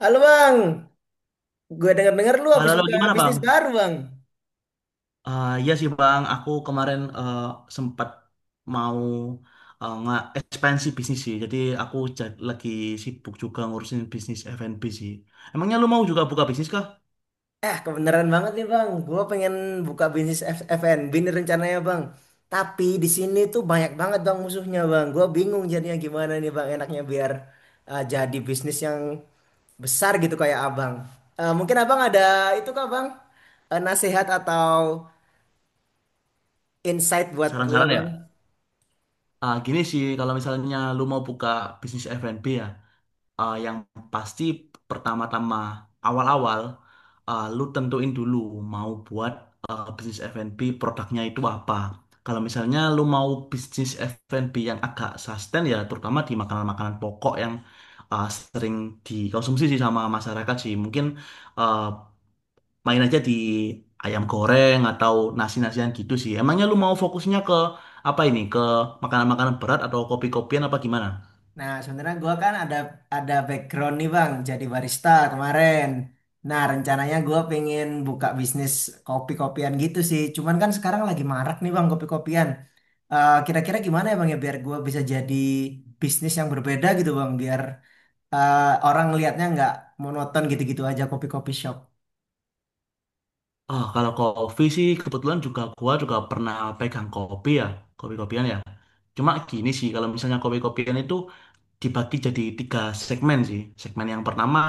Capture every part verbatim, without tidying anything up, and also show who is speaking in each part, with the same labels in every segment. Speaker 1: Halo bang, gue denger-denger lu
Speaker 2: Halo,
Speaker 1: habis
Speaker 2: halo,
Speaker 1: buka
Speaker 2: gimana Bang?
Speaker 1: bisnis baru bang.
Speaker 2: Eh ya sih Bang, aku kemarin eh, sempat mau eh, nge- ekspansi bisnis sih. Jadi aku ja- lagi sibuk juga ngurusin bisnis F and B sih. Emangnya lu mau juga buka bisnis kah?
Speaker 1: Eh kebenaran banget nih bang, gue pengen buka bisnis F- F&B nih rencananya bang. Tapi di sini tuh banyak banget bang musuhnya bang. Gue bingung jadinya gimana nih bang enaknya biar uh, jadi bisnis yang besar gitu kayak abang. Eh, mungkin abang ada itu kah bang? Eh, nasihat atau insight buat gue
Speaker 2: Saran-saran
Speaker 1: bang?
Speaker 2: ya? Ah, gini sih, kalau misalnya lu mau buka bisnis F and B ya, eh, yang pasti pertama-tama awal-awal eh, lu tentuin dulu mau buat eh, bisnis F and B produknya itu apa. Kalau misalnya lu mau bisnis F and B yang agak sustain ya terutama di makanan-makanan pokok yang eh, sering dikonsumsi sih sama masyarakat sih. Mungkin eh, main aja di ayam goreng atau nasi-nasian gitu sih. Emangnya lu mau fokusnya ke apa ini? Ke makanan-makanan berat atau kopi-kopian apa gimana?
Speaker 1: Nah, sebenarnya gua kan ada ada background nih Bang, jadi barista kemarin. Nah, rencananya gua pengen buka bisnis kopi-kopian gitu sih. Cuman kan sekarang lagi marak nih Bang kopi-kopian. Eh, Kira-kira gimana ya Bang ya biar gua bisa jadi bisnis yang berbeda gitu Bang, biar eh, orang lihatnya nggak monoton gitu-gitu aja kopi-kopi shop.
Speaker 2: Ah, kalau kopi sih kebetulan juga gua juga pernah pegang kopi ya, kopi-kopian ya. Cuma gini sih, kalau misalnya kopi-kopian itu dibagi jadi tiga segmen sih. Segmen yang pertama,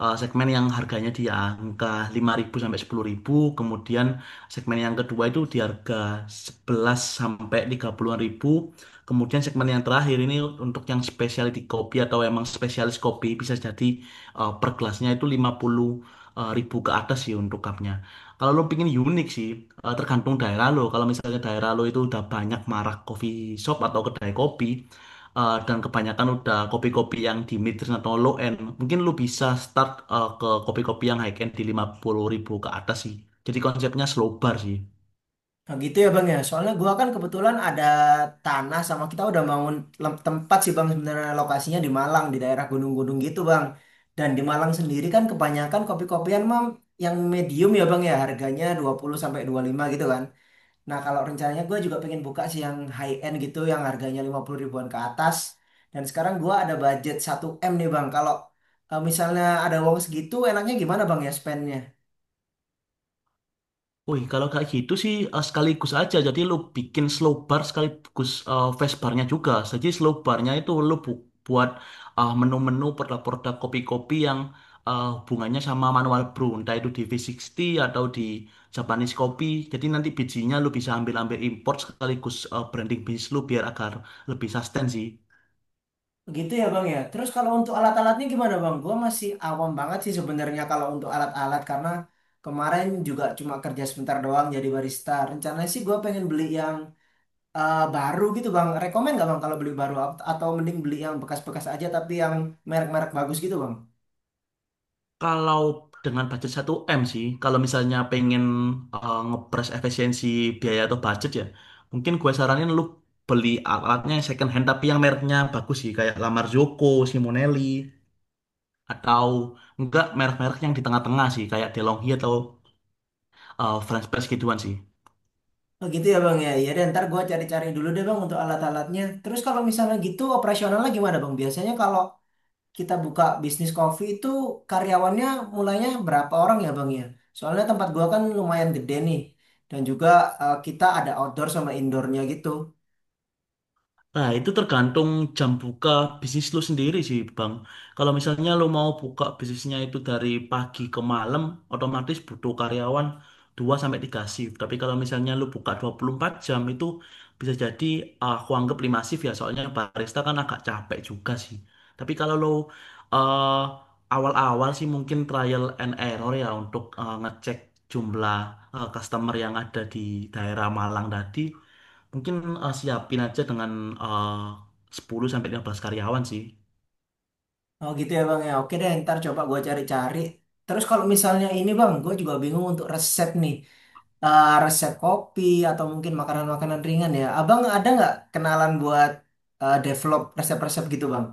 Speaker 2: eh, segmen yang harganya di angka lima ribu sampai sepuluh ribu kemudian segmen yang kedua itu di harga sebelas sampai tiga puluhan-an ribu. Kemudian segmen yang terakhir ini untuk yang specialty kopi atau emang spesialis kopi bisa jadi eh, per gelasnya itu lima puluh ribu ke atas sih untuk cupnya. Kalau lo pingin unik sih, eh, tergantung daerah lo. Kalau misalnya daerah lo itu udah banyak marak coffee shop atau kedai kopi, eh, dan kebanyakan udah kopi-kopi yang di mid-range atau low-end, mungkin lu bisa start eh, ke kopi-kopi yang high-end di lima puluh ribu ke atas sih. Jadi konsepnya slow bar sih.
Speaker 1: Nah, gitu ya Bang ya. Soalnya gua kan kebetulan ada tanah sama kita udah bangun lem- tempat sih Bang, sebenarnya lokasinya di Malang di daerah gunung-gunung gitu Bang. Dan di Malang sendiri kan kebanyakan kopi-kopian mam yang medium ya Bang ya, harganya dua puluh sampai dua puluh lima gitu kan. Nah, kalau rencananya gua juga pengen buka sih yang high end gitu, yang harganya lima puluh ribuan ke atas. Dan sekarang gua ada budget satu m nih Bang. Kalau eh, misalnya ada uang segitu enaknya gimana Bang ya spendnya?
Speaker 2: Wih, kalau kayak gitu sih eh, sekaligus aja. Jadi lu bikin slow bar sekaligus eh, fast barnya juga. Jadi slow barnya itu lu bu- buat eh, menu-menu produk-produk kopi-kopi yang eh, hubungannya sama manual brew. Entah itu di V sixty atau di Japanese Coffee. Jadi nanti bijinya lu bisa ambil-ambil import sekaligus eh, branding bisnis lu biar agar lebih sustain sih.
Speaker 1: Gitu ya Bang ya. Terus kalau untuk alat-alatnya gimana Bang? Gua masih awam banget sih sebenarnya kalau untuk alat-alat, karena kemarin juga cuma kerja sebentar doang jadi barista. Rencananya sih gua pengen beli yang eh, baru gitu Bang. Rekomen nggak Bang kalau beli baru, At- atau mending beli yang bekas-bekas aja tapi yang merek-merek bagus gitu Bang?
Speaker 2: Kalau dengan budget satu m sih, kalau misalnya pengen eh, ngepres efisiensi biaya atau budget ya, mungkin gue saranin lu beli alatnya yang second hand tapi yang mereknya bagus sih, kayak La Marzocco, Simonelli, atau enggak merek-merek yang di tengah-tengah sih, kayak DeLonghi atau eh, French Press gituan sih.
Speaker 1: Oh gitu ya Bang ya. Iya, dan ntar gua cari-cari dulu deh Bang untuk alat-alatnya. Terus kalau misalnya gitu operasionalnya gimana Bang? Biasanya kalau kita buka bisnis kopi itu karyawannya mulainya berapa orang ya Bang ya? Soalnya tempat gua kan lumayan gede nih. Dan juga eh, kita ada outdoor sama indoornya gitu.
Speaker 2: Nah, itu tergantung jam buka bisnis lu sendiri sih, Bang. Kalau misalnya lu mau buka bisnisnya itu dari pagi ke malam, otomatis butuh karyawan dua sampai tiga shift. Tapi kalau misalnya lu buka dua puluh empat jam itu bisa jadi aku anggap lima shift ya, soalnya barista kan agak capek juga sih. Tapi kalau lu eh, awal-awal sih mungkin trial and error ya untuk eh, ngecek jumlah eh, customer yang ada di daerah Malang tadi. Mungkin eh, siapin aja dengan eh, sepuluh sampai lima belas karyawan sih.
Speaker 1: Oh gitu ya Bang ya. Oke deh, ntar coba gua cari-cari. Terus kalau misalnya ini Bang, gua juga bingung untuk resep nih. Eh, resep kopi atau mungkin makanan-makanan ringan ya. Abang ada nggak kenalan buat eh, develop resep-resep gitu Bang?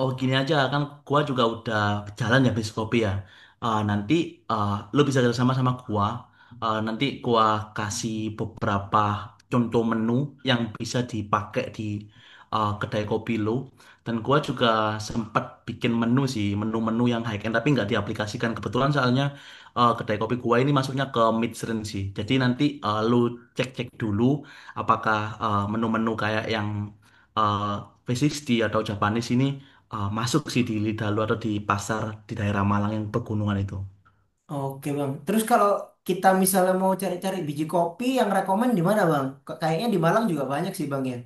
Speaker 2: Oh gini aja kan gua juga udah jalan ya bis kopi ya. Eh, nanti eh, lu bisa kerjasama sama gua. Eh, nanti gua kasih beberapa contoh menu yang bisa dipakai di eh, kedai kopi lu. Dan gua juga sempat bikin menu sih, menu-menu yang high end tapi nggak diaplikasikan. Kebetulan soalnya eh, kedai kopi gua ini masuknya ke mid range sih. Jadi nanti eh, lu cek-cek dulu apakah eh, menu-menu kayak yang eh, V sixty atau Japanese ini eh, masuk sih di Lidalu atau di pasar di daerah Malang yang pegunungan itu.
Speaker 1: Oke bang. Terus kalau kita misalnya mau cari-cari biji kopi yang rekomen di mana bang? K- Kayaknya di Malang juga banyak sih bang ya.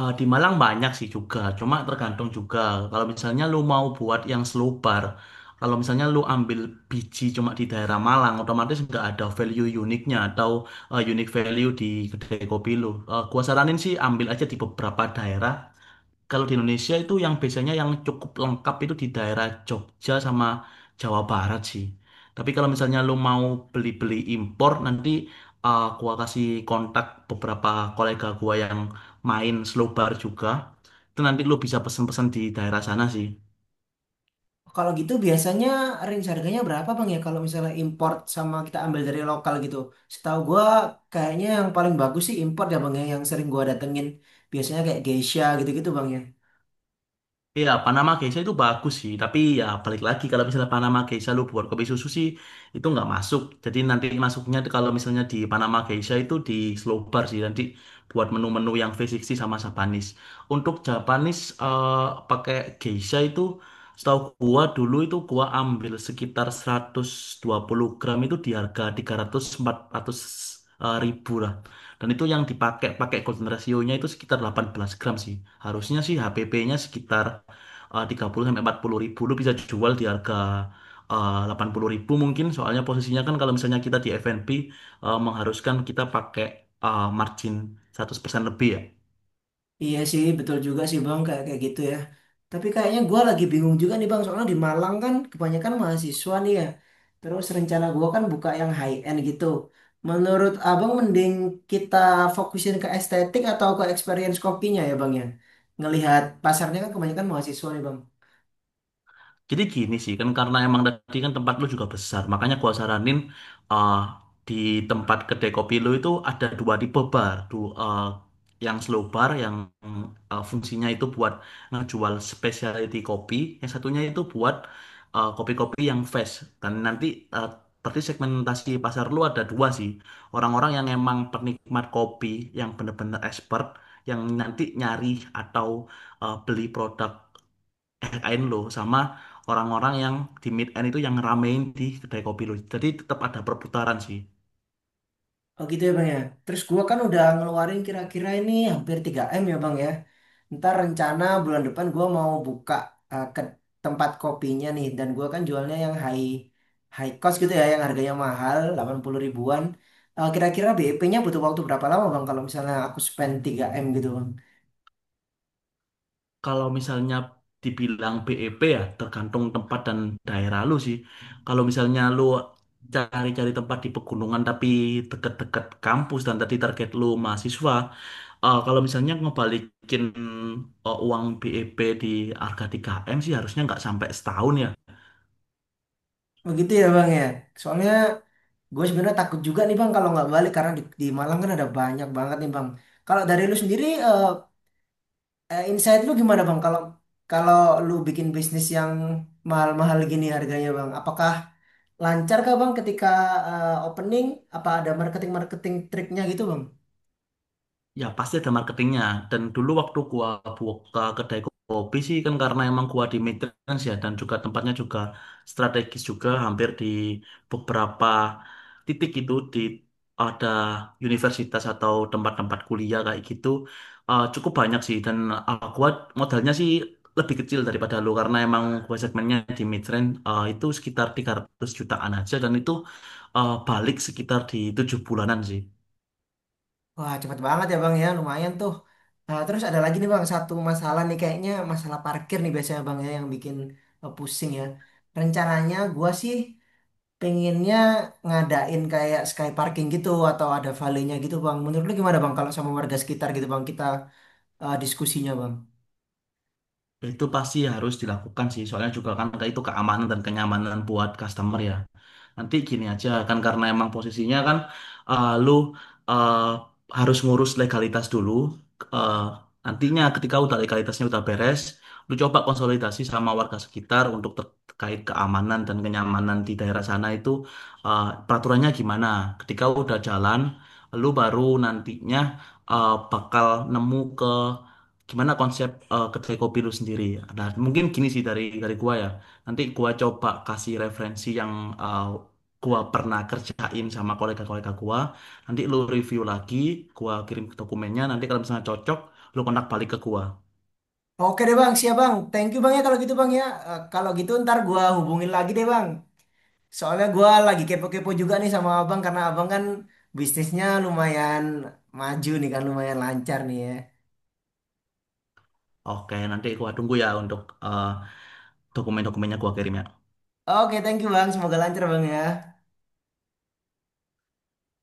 Speaker 2: Eh, di Malang banyak sih juga, cuma tergantung juga. Kalau misalnya lu mau buat yang selobar, kalau misalnya lu ambil biji cuma di daerah Malang, otomatis nggak ada value uniknya atau eh, unique value di kedai kopi lu. Eh, gua saranin sih ambil aja di beberapa daerah. Kalau di Indonesia itu yang biasanya yang cukup lengkap itu di daerah Jogja sama Jawa Barat sih. Tapi kalau misalnya lu mau beli-beli impor, nanti uh, gua kasih kontak beberapa kolega gua yang main slow bar juga. Itu nanti lu bisa pesen-pesen di daerah sana sih.
Speaker 1: Kalau gitu biasanya range harganya berapa bang ya? Kalau misalnya import sama kita ambil dari lokal gitu. Setahu gua kayaknya yang paling bagus sih import ya bang ya. Yang sering gua datengin. Biasanya kayak Geisha gitu-gitu bang ya.
Speaker 2: Iya, Panama Geisha itu bagus sih, tapi ya balik lagi kalau misalnya Panama Geisha lu buat kopi susu sih itu nggak masuk. Jadi nanti masuknya tuh kalau misalnya di Panama Geisha itu di slow bar sih nanti buat menu-menu yang V enam puluh sama Japanese. Untuk Japanese eh, pakai Geisha itu setahu gua dulu itu gua ambil sekitar seratus dua puluh gram itu di harga tiga ratus sampai empat ratus eh, ribu lah. Dan itu yang dipakai pakai golden ratio-nya itu sekitar delapan belas gram sih. Harusnya sih H P P-nya sekitar eh, tiga 30 sampai empat puluh ribu lu bisa jual di harga eh, delapan 80 ribu mungkin soalnya posisinya kan kalau misalnya kita di F and B eh, mengharuskan kita pakai eh, margin seratus persen lebih ya.
Speaker 1: Iya sih, betul juga sih Bang, kayak kayak gitu ya. Tapi kayaknya gua lagi bingung juga nih Bang, soalnya di Malang kan kebanyakan mahasiswa nih ya. Terus rencana gua kan buka yang high end gitu. Menurut Abang mending kita fokusin ke estetik atau ke experience kopinya ya Bang ya? Ngelihat pasarnya kan kebanyakan mahasiswa nih Bang.
Speaker 2: Jadi gini sih, kan karena emang tadi kan tempat lu juga besar, makanya gua saranin uh, di tempat kedai kopi lu itu ada dua tipe bar, dua, uh, yang slow bar yang uh, fungsinya itu buat ngejual specialty kopi, yang satunya itu buat uh, kopi-kopi yang fresh. Dan nanti uh, berarti segmentasi pasar lu ada dua sih, orang-orang yang emang penikmat kopi, yang bener-bener expert, yang nanti nyari atau uh, beli produk kain lo sama orang-orang yang di mid end itu yang ngeramein di kedai kopi lo. Jadi tetap ada perputaran sih.
Speaker 1: Oh gitu ya Bang ya. Terus gua kan udah ngeluarin kira-kira ini hampir tiga M ya Bang ya. Ntar rencana bulan depan gua mau buka eh, ke tempat kopinya nih, dan gua kan jualnya yang high high cost gitu ya, yang harganya mahal delapan puluh ribuan. Eh, kira-kira B E P-nya butuh waktu berapa lama Bang kalau misalnya aku spend tiga M gitu Bang.
Speaker 2: Kalau misalnya dibilang B E P ya tergantung tempat dan daerah lu sih. Kalau misalnya lu cari-cari tempat di pegunungan tapi deket-deket kampus dan tadi target lu mahasiswa, eh, kalau misalnya ngebalikin eh, uang B E P di harga tiga M sih harusnya nggak sampai setahun ya.
Speaker 1: Begitu ya Bang ya. Soalnya gue sebenarnya takut juga nih Bang kalau nggak balik, karena di, di Malang kan ada banyak banget nih Bang. Kalau dari lu sendiri eh, Eh, insight lu gimana bang? Kalau kalau lu bikin bisnis yang mahal-mahal gini harganya bang, apakah lancar kah bang ketika eh, opening? Apa ada marketing-marketing triknya gitu bang?
Speaker 2: Ya pasti ada marketingnya dan dulu waktu gua buka kedai kopi sih kan karena emang gua di maintenance ya dan juga tempatnya juga strategis juga hampir di beberapa titik itu di ada universitas atau tempat-tempat kuliah kayak gitu eh, cukup banyak sih dan eh, gua modalnya sih lebih kecil daripada lu karena emang gua segmennya di midrange eh, itu sekitar tiga ratus jutaan aja dan itu eh, balik sekitar di tujuh bulanan sih.
Speaker 1: Wah, cepet banget ya bang ya, lumayan tuh. Nah, terus ada lagi nih bang, satu masalah nih kayaknya masalah parkir nih biasanya bang ya yang bikin eh, pusing ya. Rencananya gua sih pengennya ngadain kayak sky parking gitu atau ada valenya gitu bang. Menurut lu gimana bang kalau sama warga sekitar gitu bang kita eh, diskusinya bang?
Speaker 2: Itu pasti harus dilakukan sih, soalnya juga kan itu keamanan dan kenyamanan buat customer ya. Nanti gini aja kan karena emang posisinya kan eh, lu eh, harus ngurus legalitas dulu. Eh, Nantinya ketika udah legalitasnya udah beres, lu coba konsolidasi sama warga sekitar untuk terkait keamanan dan kenyamanan di daerah sana itu eh, peraturannya gimana. Ketika udah jalan, lu baru nantinya eh, bakal nemu ke gimana konsep eh, kedai kopi lu sendiri. Nah, mungkin gini sih dari dari gua ya. Nanti gua coba kasih referensi yang eh, gua pernah kerjain sama kolega-kolega gua. Nanti lu review lagi, gua kirim dokumennya. Nanti kalau misalnya cocok, lu kontak balik ke gua.
Speaker 1: Oke deh bang, siap bang. Thank you bang ya kalau gitu bang ya. Eh, kalau gitu ntar gua hubungin lagi deh bang. Soalnya gua lagi kepo-kepo juga nih sama abang, karena abang kan bisnisnya lumayan maju nih kan, lumayan lancar nih ya.
Speaker 2: Oke, nanti gua tunggu ya untuk eh, dokumen-dokumennya gua kirim ya.
Speaker 1: Oke, thank you bang. Semoga lancar bang ya.